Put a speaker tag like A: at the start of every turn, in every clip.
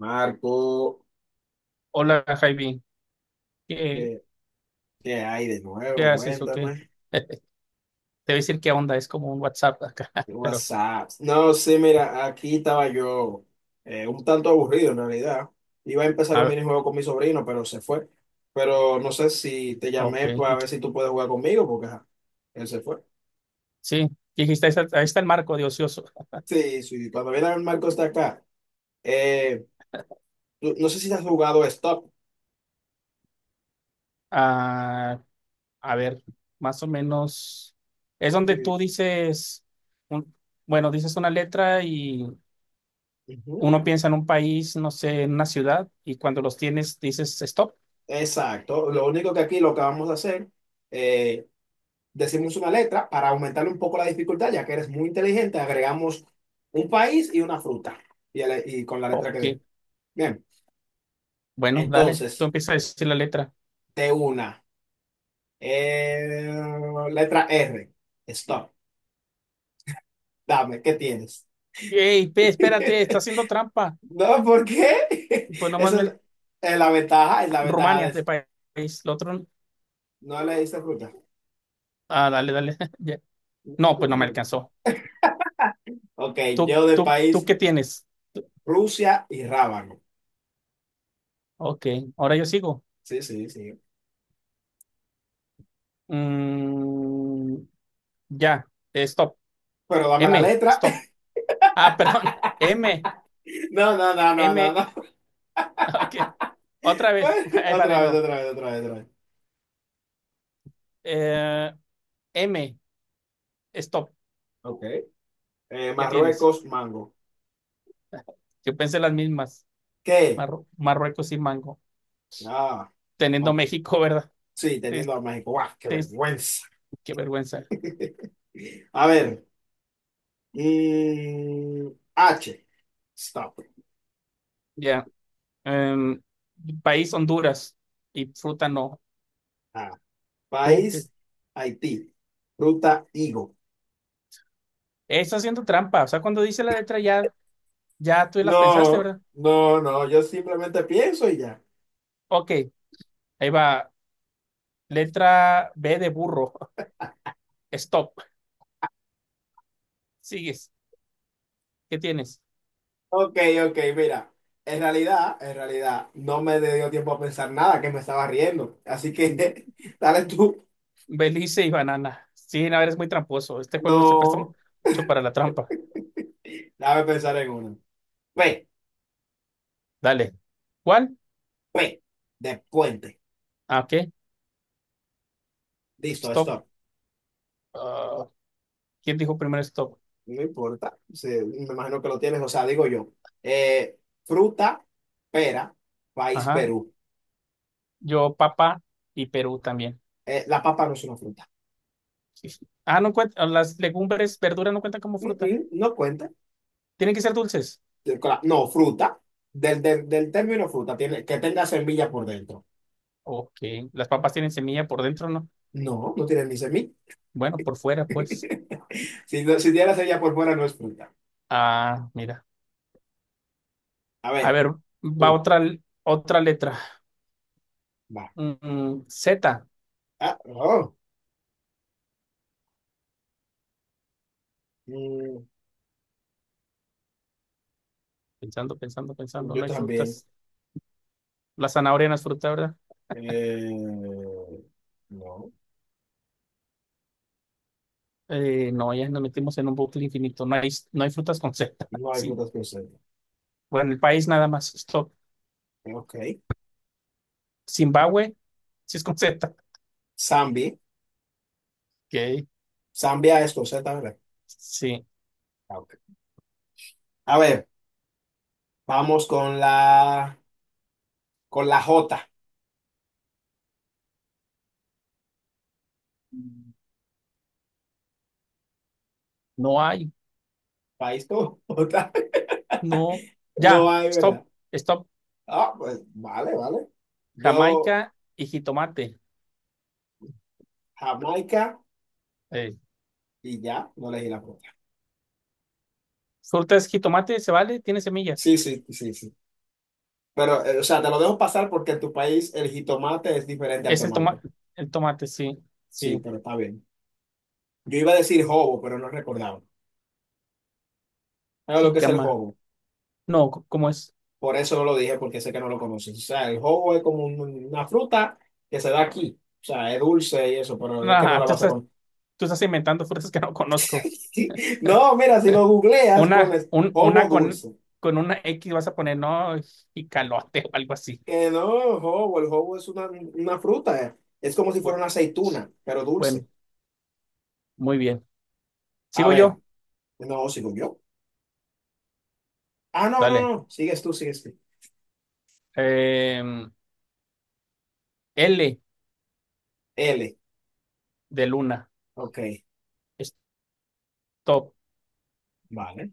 A: Marco,
B: Hola, Jaime. ¿Qué,
A: ¿qué, ¿qué hay de
B: qué
A: nuevo?
B: haces o qué?
A: Cuéntame.
B: Te voy a decir qué onda, es como un WhatsApp acá,
A: ¿Qué
B: pero
A: WhatsApp? No, sí, mira, aquí estaba yo un tanto aburrido en realidad. Iba a empezar
B: a
A: un
B: ver,
A: minijuego con mi sobrino, pero se fue. Pero no sé si te
B: ok.
A: llamé para ver si tú puedes jugar conmigo, porque ajá, él se fue.
B: Sí, dijiste, ahí está el marco de ocioso.
A: Sí, sí, cuando viene a Marco está acá. Eh, no sé si has jugado Stop.
B: Ah, a ver, más o menos, es donde tú
A: Sí.
B: dices, un- bueno, dices una letra y
A: Ujú.
B: uno piensa en un país, no sé, en una ciudad, y cuando los tienes dices stop.
A: Exacto. Lo único que aquí lo que vamos a hacer, eh, decimos una letra. Para aumentarle un poco la dificultad, ya que eres muy inteligente, agregamos un país y una fruta. Y y con la letra que
B: Ok,
A: dé. Bien,
B: bueno, dale, tú
A: entonces,
B: empiezas a decir la letra.
A: de una. Eh, letra R. Stop. Dame, ¿qué tienes?
B: Hey, espérate, está haciendo trampa.
A: No, ¿por qué?
B: Pues nomás
A: Esa
B: ve
A: es la ventaja
B: Rumania
A: de...
B: de país. Lo otro,
A: No le diste fruta.
B: ah, dale, dale. Ya. No, pues no me alcanzó.
A: Ok,
B: ¿Tú,
A: yo de
B: tú, tú
A: país
B: qué tienes? Tú-
A: Rusia y rábano.
B: Ok, ahora yo sigo.
A: Sí, sí, sí.
B: Mm, ya, stop.
A: Pero dame la
B: M,
A: letra.
B: stop. Ah, perdón. M,
A: No, no, no, no, no,
B: M.
A: no.
B: Ok, otra vez. Ahí va de
A: Otra vez,
B: nuevo.
A: otra vez, otra vez, otra vez.
B: Eh, M, stop.
A: Ok.
B: ¿Qué tienes?
A: Marruecos, mango.
B: Yo pensé las mismas.
A: ¿Qué?
B: Marruecos y Mango.
A: Ah,
B: Teniendo
A: ok.
B: México, ¿verdad?
A: Sí,
B: Es-
A: teniendo a México. ¡Guau, qué
B: es-
A: vergüenza!
B: qué vergüenza.
A: A ver. mm, H. Stop.
B: Ya. En país Honduras y fruta no.
A: Ah,
B: Tú, que
A: país, Haití. Ruta, higo.
B: Está haciendo trampa. O sea, cuando dice la letra ya, ya tú las pensaste,
A: No,
B: ¿verdad?
A: no, no. Yo simplemente pienso y ya.
B: Ok, ahí va. Letra B de burro. Stop. Sigues. ¿Qué tienes?
A: Ok, ok, mira. En realidad, no me dio tiempo a pensar nada, que me estaba riendo. Así que, dale tú.
B: Belice y banana. Sí, no, eres muy tramposo. Este juego se presta
A: No.
B: mucho para la trampa.
A: Déjame pensar en uno. P,
B: Dale. ¿Cuál?
A: P, de puente.
B: Ah, ok.
A: Listo,
B: Stop.
A: stop.
B: Ah, ¿quién dijo primero stop?
A: No importa. Sí, me imagino que lo tienes, o sea, digo yo. Eh, fruta, pera, país
B: Ajá.
A: Perú.
B: Yo, papá y Perú también.
A: La papa no es una fruta.
B: Ah, no cuenta, las legumbres, verduras no cuentan como
A: Mm,
B: fruta.
A: mm, no cuenta.
B: Tienen que ser dulces.
A: No, fruta. Del término fruta, tiene, que tenga semilla por dentro.
B: Ok, las papas tienen semilla por dentro, ¿no?
A: No, no tiene ni semilla.
B: Bueno, por fuera, pues.
A: Si, si tiene semilla por fuera, no es fruta.
B: Ah, mira.
A: A
B: A
A: ver,
B: ver, va
A: tú,
B: otra, otra letra.
A: va.
B: Z.
A: Ah, oh. Mm,
B: Pensando, pensando, pensando,
A: yo
B: no hay
A: también.
B: frutas. La zanahoria no es fruta, ¿verdad?
A: Eh, no,
B: No, ya nos metimos en un bucle infinito. No hay, no hay frutas con Z.
A: no hay
B: Sí.
A: frutas con Z.
B: Bueno, el país nada más. Stop.
A: Ok.
B: Zimbabue, sí es con Z.
A: Zambia.
B: Ok,
A: Zambia es con Z, ¿verdad?
B: sí.
A: Ah, ok. A ver, vamos con la J.
B: No hay,
A: País con J.
B: no.
A: No
B: Ya,
A: hay,
B: stop.
A: ¿verdad?
B: Stop.
A: Ah, pues vale, vale. Yo,
B: Jamaica y jitomate.
A: Jamaica,
B: Eh,
A: y ya, no elegí la fruta.
B: fruta es jitomate, ¿se vale? Tiene semillas.
A: Sí, sí, sí, sí. Pero, o sea, te lo dejo pasar porque en tu país el jitomate es diferente al
B: Es
A: tomate.
B: el tomate, sí,
A: Sí,
B: sí.
A: pero está bien. Yo iba a decir hobo, pero no recordaba. ¿Sabes lo que es el
B: Jícama.
A: hobo?
B: No, ¿cómo es?
A: Por eso no lo dije, porque sé que no lo conoces. O sea, el jogo es como una fruta que se da aquí. O sea, es dulce y eso, pero es que no
B: Ah,
A: la vas a conocer.
B: tú estás inventando frutas que no conozco.
A: No, mira, si lo googleas, pones jobo
B: Una
A: dulce.
B: con una X vas a poner, no, jicalote o algo así.
A: Que no, jobo, el jobo es una fruta. Es como si fuera
B: Bueno,
A: una aceituna, pero dulce.
B: bueno, muy bien.
A: A
B: Sigo
A: ver,
B: yo.
A: no, sigo yo. Ah, no, no,
B: Dale.
A: no, sigues tú, sigues tú.
B: Em, L
A: L,
B: de Luna.
A: ok,
B: Stop.
A: vale.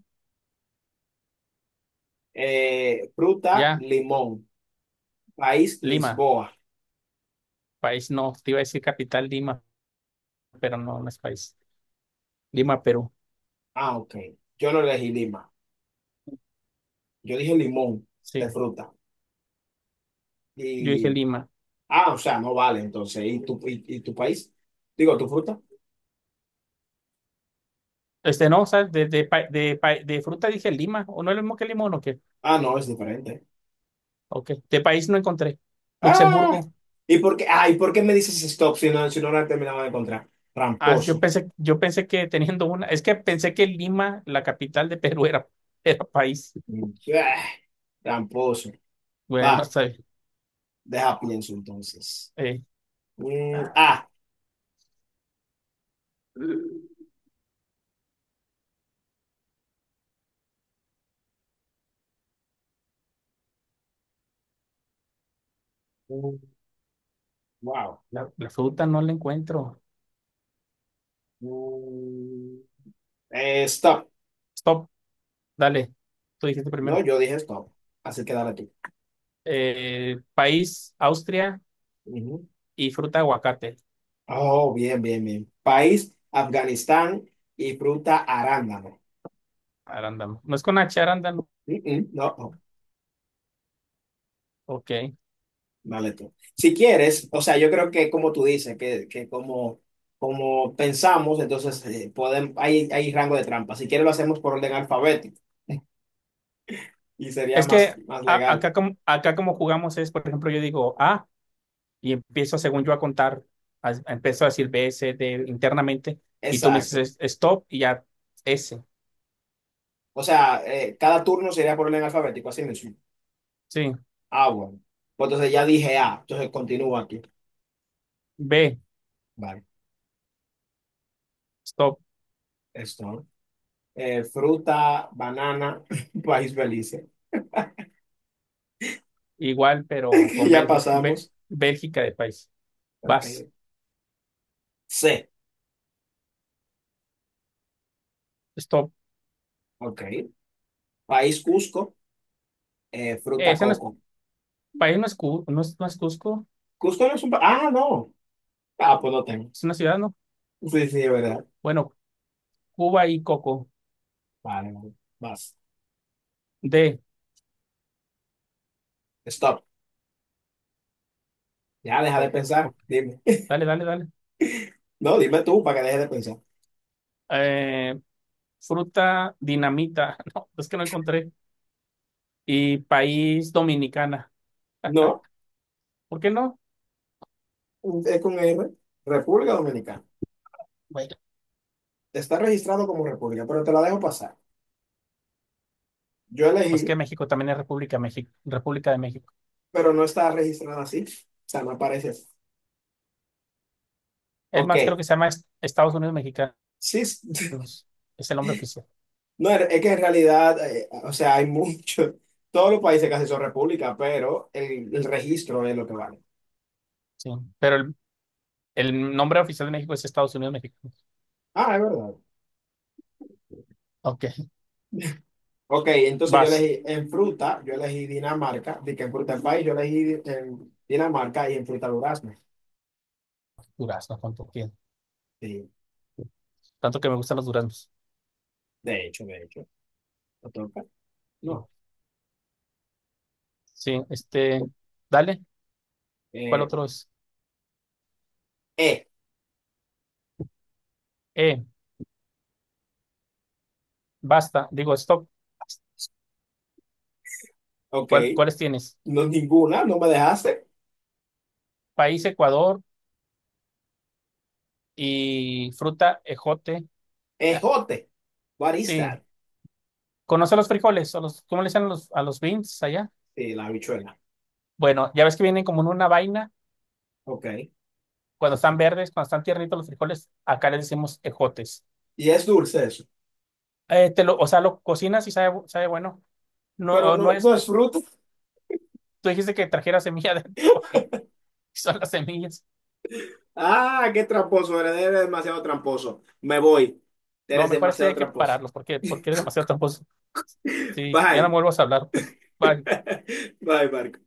A: Fruta,
B: Ya.
A: limón. País,
B: Lima.
A: Lisboa.
B: País no. Te iba a decir capital Lima, pero no, no es país. Lima, Perú.
A: Ah, ok. Yo no elegí Lima. Yo dije limón de
B: Sí,
A: fruta.
B: yo dije
A: Y,
B: Lima.
A: ah, o sea, no vale, entonces. ¿Y tu país? Digo, ¿tu fruta?
B: Este no, ¿sabes? De fruta dije Lima. ¿O no es lo mismo que limón o qué?
A: Ah, no, es diferente.
B: Ok. De país no encontré.
A: Ah,
B: Luxemburgo.
A: ah, ¿y por qué me dices stop si no, si no la he de encontrar?
B: Ah,
A: Tramposo.
B: yo pensé que teniendo una. Es que pensé que Lima, la capital de Perú, era país.
A: Mm, ah, tramposo. Va,
B: Bueno, está bien.
A: deja pienso entonces.
B: Eh,
A: Mm, ah, mm, wow.
B: la fruta no la encuentro.
A: Mm, stop.
B: Stop, dale. Tú dijiste
A: No,
B: primero.
A: yo dije stop. Así que dale tú.
B: País, Austria
A: Ujú.
B: y fruta aguacate.
A: Oh, bien, bien, bien. País, Afganistán y fruta arándano.
B: Arándano. No es con H, arándano.
A: Mm, mm, no.
B: Ok.
A: Dale tú. Si quieres, o sea, yo creo que como tú dices, que como, como pensamos, entonces hay, hay rango de trampa. Si quieres lo hacemos por orden alfabético y sería
B: Es
A: más,
B: que
A: más legal.
B: acá como jugamos es, por ejemplo, yo digo A y empiezo según yo a contar, empiezo a decir B, C, D internamente y tú me dices
A: Exacto.
B: stop y ya S,
A: O sea, cada turno sería por orden alfabético, así mismo.
B: sí,
A: Ah, bueno. Pues entonces ya dije A, entonces continúo aquí.
B: B,
A: Vale,
B: stop,
A: esto. ¿No? Fruta, banana, país Belice.
B: igual pero
A: Que
B: con
A: ya
B: Bélgica,
A: pasamos.
B: Bélgica de país, vas,
A: Ok. C,
B: stop.
A: ok. País Cusco, fruta
B: Ese no es,
A: coco.
B: país no es, Cu- no es, no es Cusco,
A: ¿Cusco no es un... país? Ah, no. Ah, pues no tengo.
B: es una ciudad, ¿no?
A: Sí, sí, es verdad.
B: Bueno, Cuba y Coco,
A: Vale, vale. Vas.
B: D,
A: Stop. Ya, deja de
B: stop,
A: pensar.
B: Ok,
A: Dime.
B: Dale.
A: No, dime tú para que dejes de pensar.
B: Eh, fruta dinamita, no, es que no encontré. Y país Dominicana.
A: No,
B: ¿Por qué no?
A: es con R. República Dominicana.
B: Bueno,
A: Está registrado como República, pero te la dejo pasar. Yo elegí,
B: pues que México también es República, México, República de México.
A: pero no está registrada así. O sea, no aparece así.
B: Es más,
A: Ok.
B: creo que se llama Estados Unidos Mexicanos.
A: Sí, es-
B: Es el nombre oficial.
A: no, es que en realidad, o sea, hay mucho. Todos los países casi son república, pero el registro es lo que vale.
B: Sí, pero el nombre oficial de México es Estados Unidos Mexicanos.
A: Ah, es verdad.
B: Ok,
A: Ok, entonces yo
B: vas.
A: elegí en fruta, yo elegí Dinamarca. De que en fruta del país, yo elegí en Dinamarca y en fruta durazno.
B: Durazno, cuánto tiene.
A: Sí,
B: Tanto que me gustan los duraznos.
A: de hecho, ¿no toca?
B: Bueno,
A: No.
B: sí, este, dale. ¿Cuál
A: Eh,
B: otro es?
A: eh,
B: Eh, basta. Digo, stop.
A: ok,
B: ¿Cuáles tienes?
A: no ninguna, no me dejaste.
B: País Ecuador y fruta ejote.
A: Ejote, what is
B: Sí,
A: that?
B: ¿conoce los frijoles? O los, ¿cómo le dicen a los beans allá?
A: Sí, la habichuela,
B: Bueno, ya ves que vienen como en una vaina,
A: ok.
B: cuando están verdes, cuando están tiernitos los frijoles, acá les decimos ejotes.
A: Y es dulce eso,
B: Te lo, o sea, lo cocinas y sabe, sabe bueno. No,
A: pero
B: o no
A: no,
B: es,
A: no es fruta.
B: tú dijiste que trajera semilla adentro y son las semillas.
A: Ah, qué tramposo, eres, eres demasiado tramposo. Me voy,
B: No,
A: eres
B: mejor esto ya
A: demasiado
B: hay que
A: tramposo.
B: pararlos porque, porque eres demasiado tramposo. Sí, ya no
A: Bye,
B: me vuelvas a hablar, pues. Bye.
A: bye, Marco.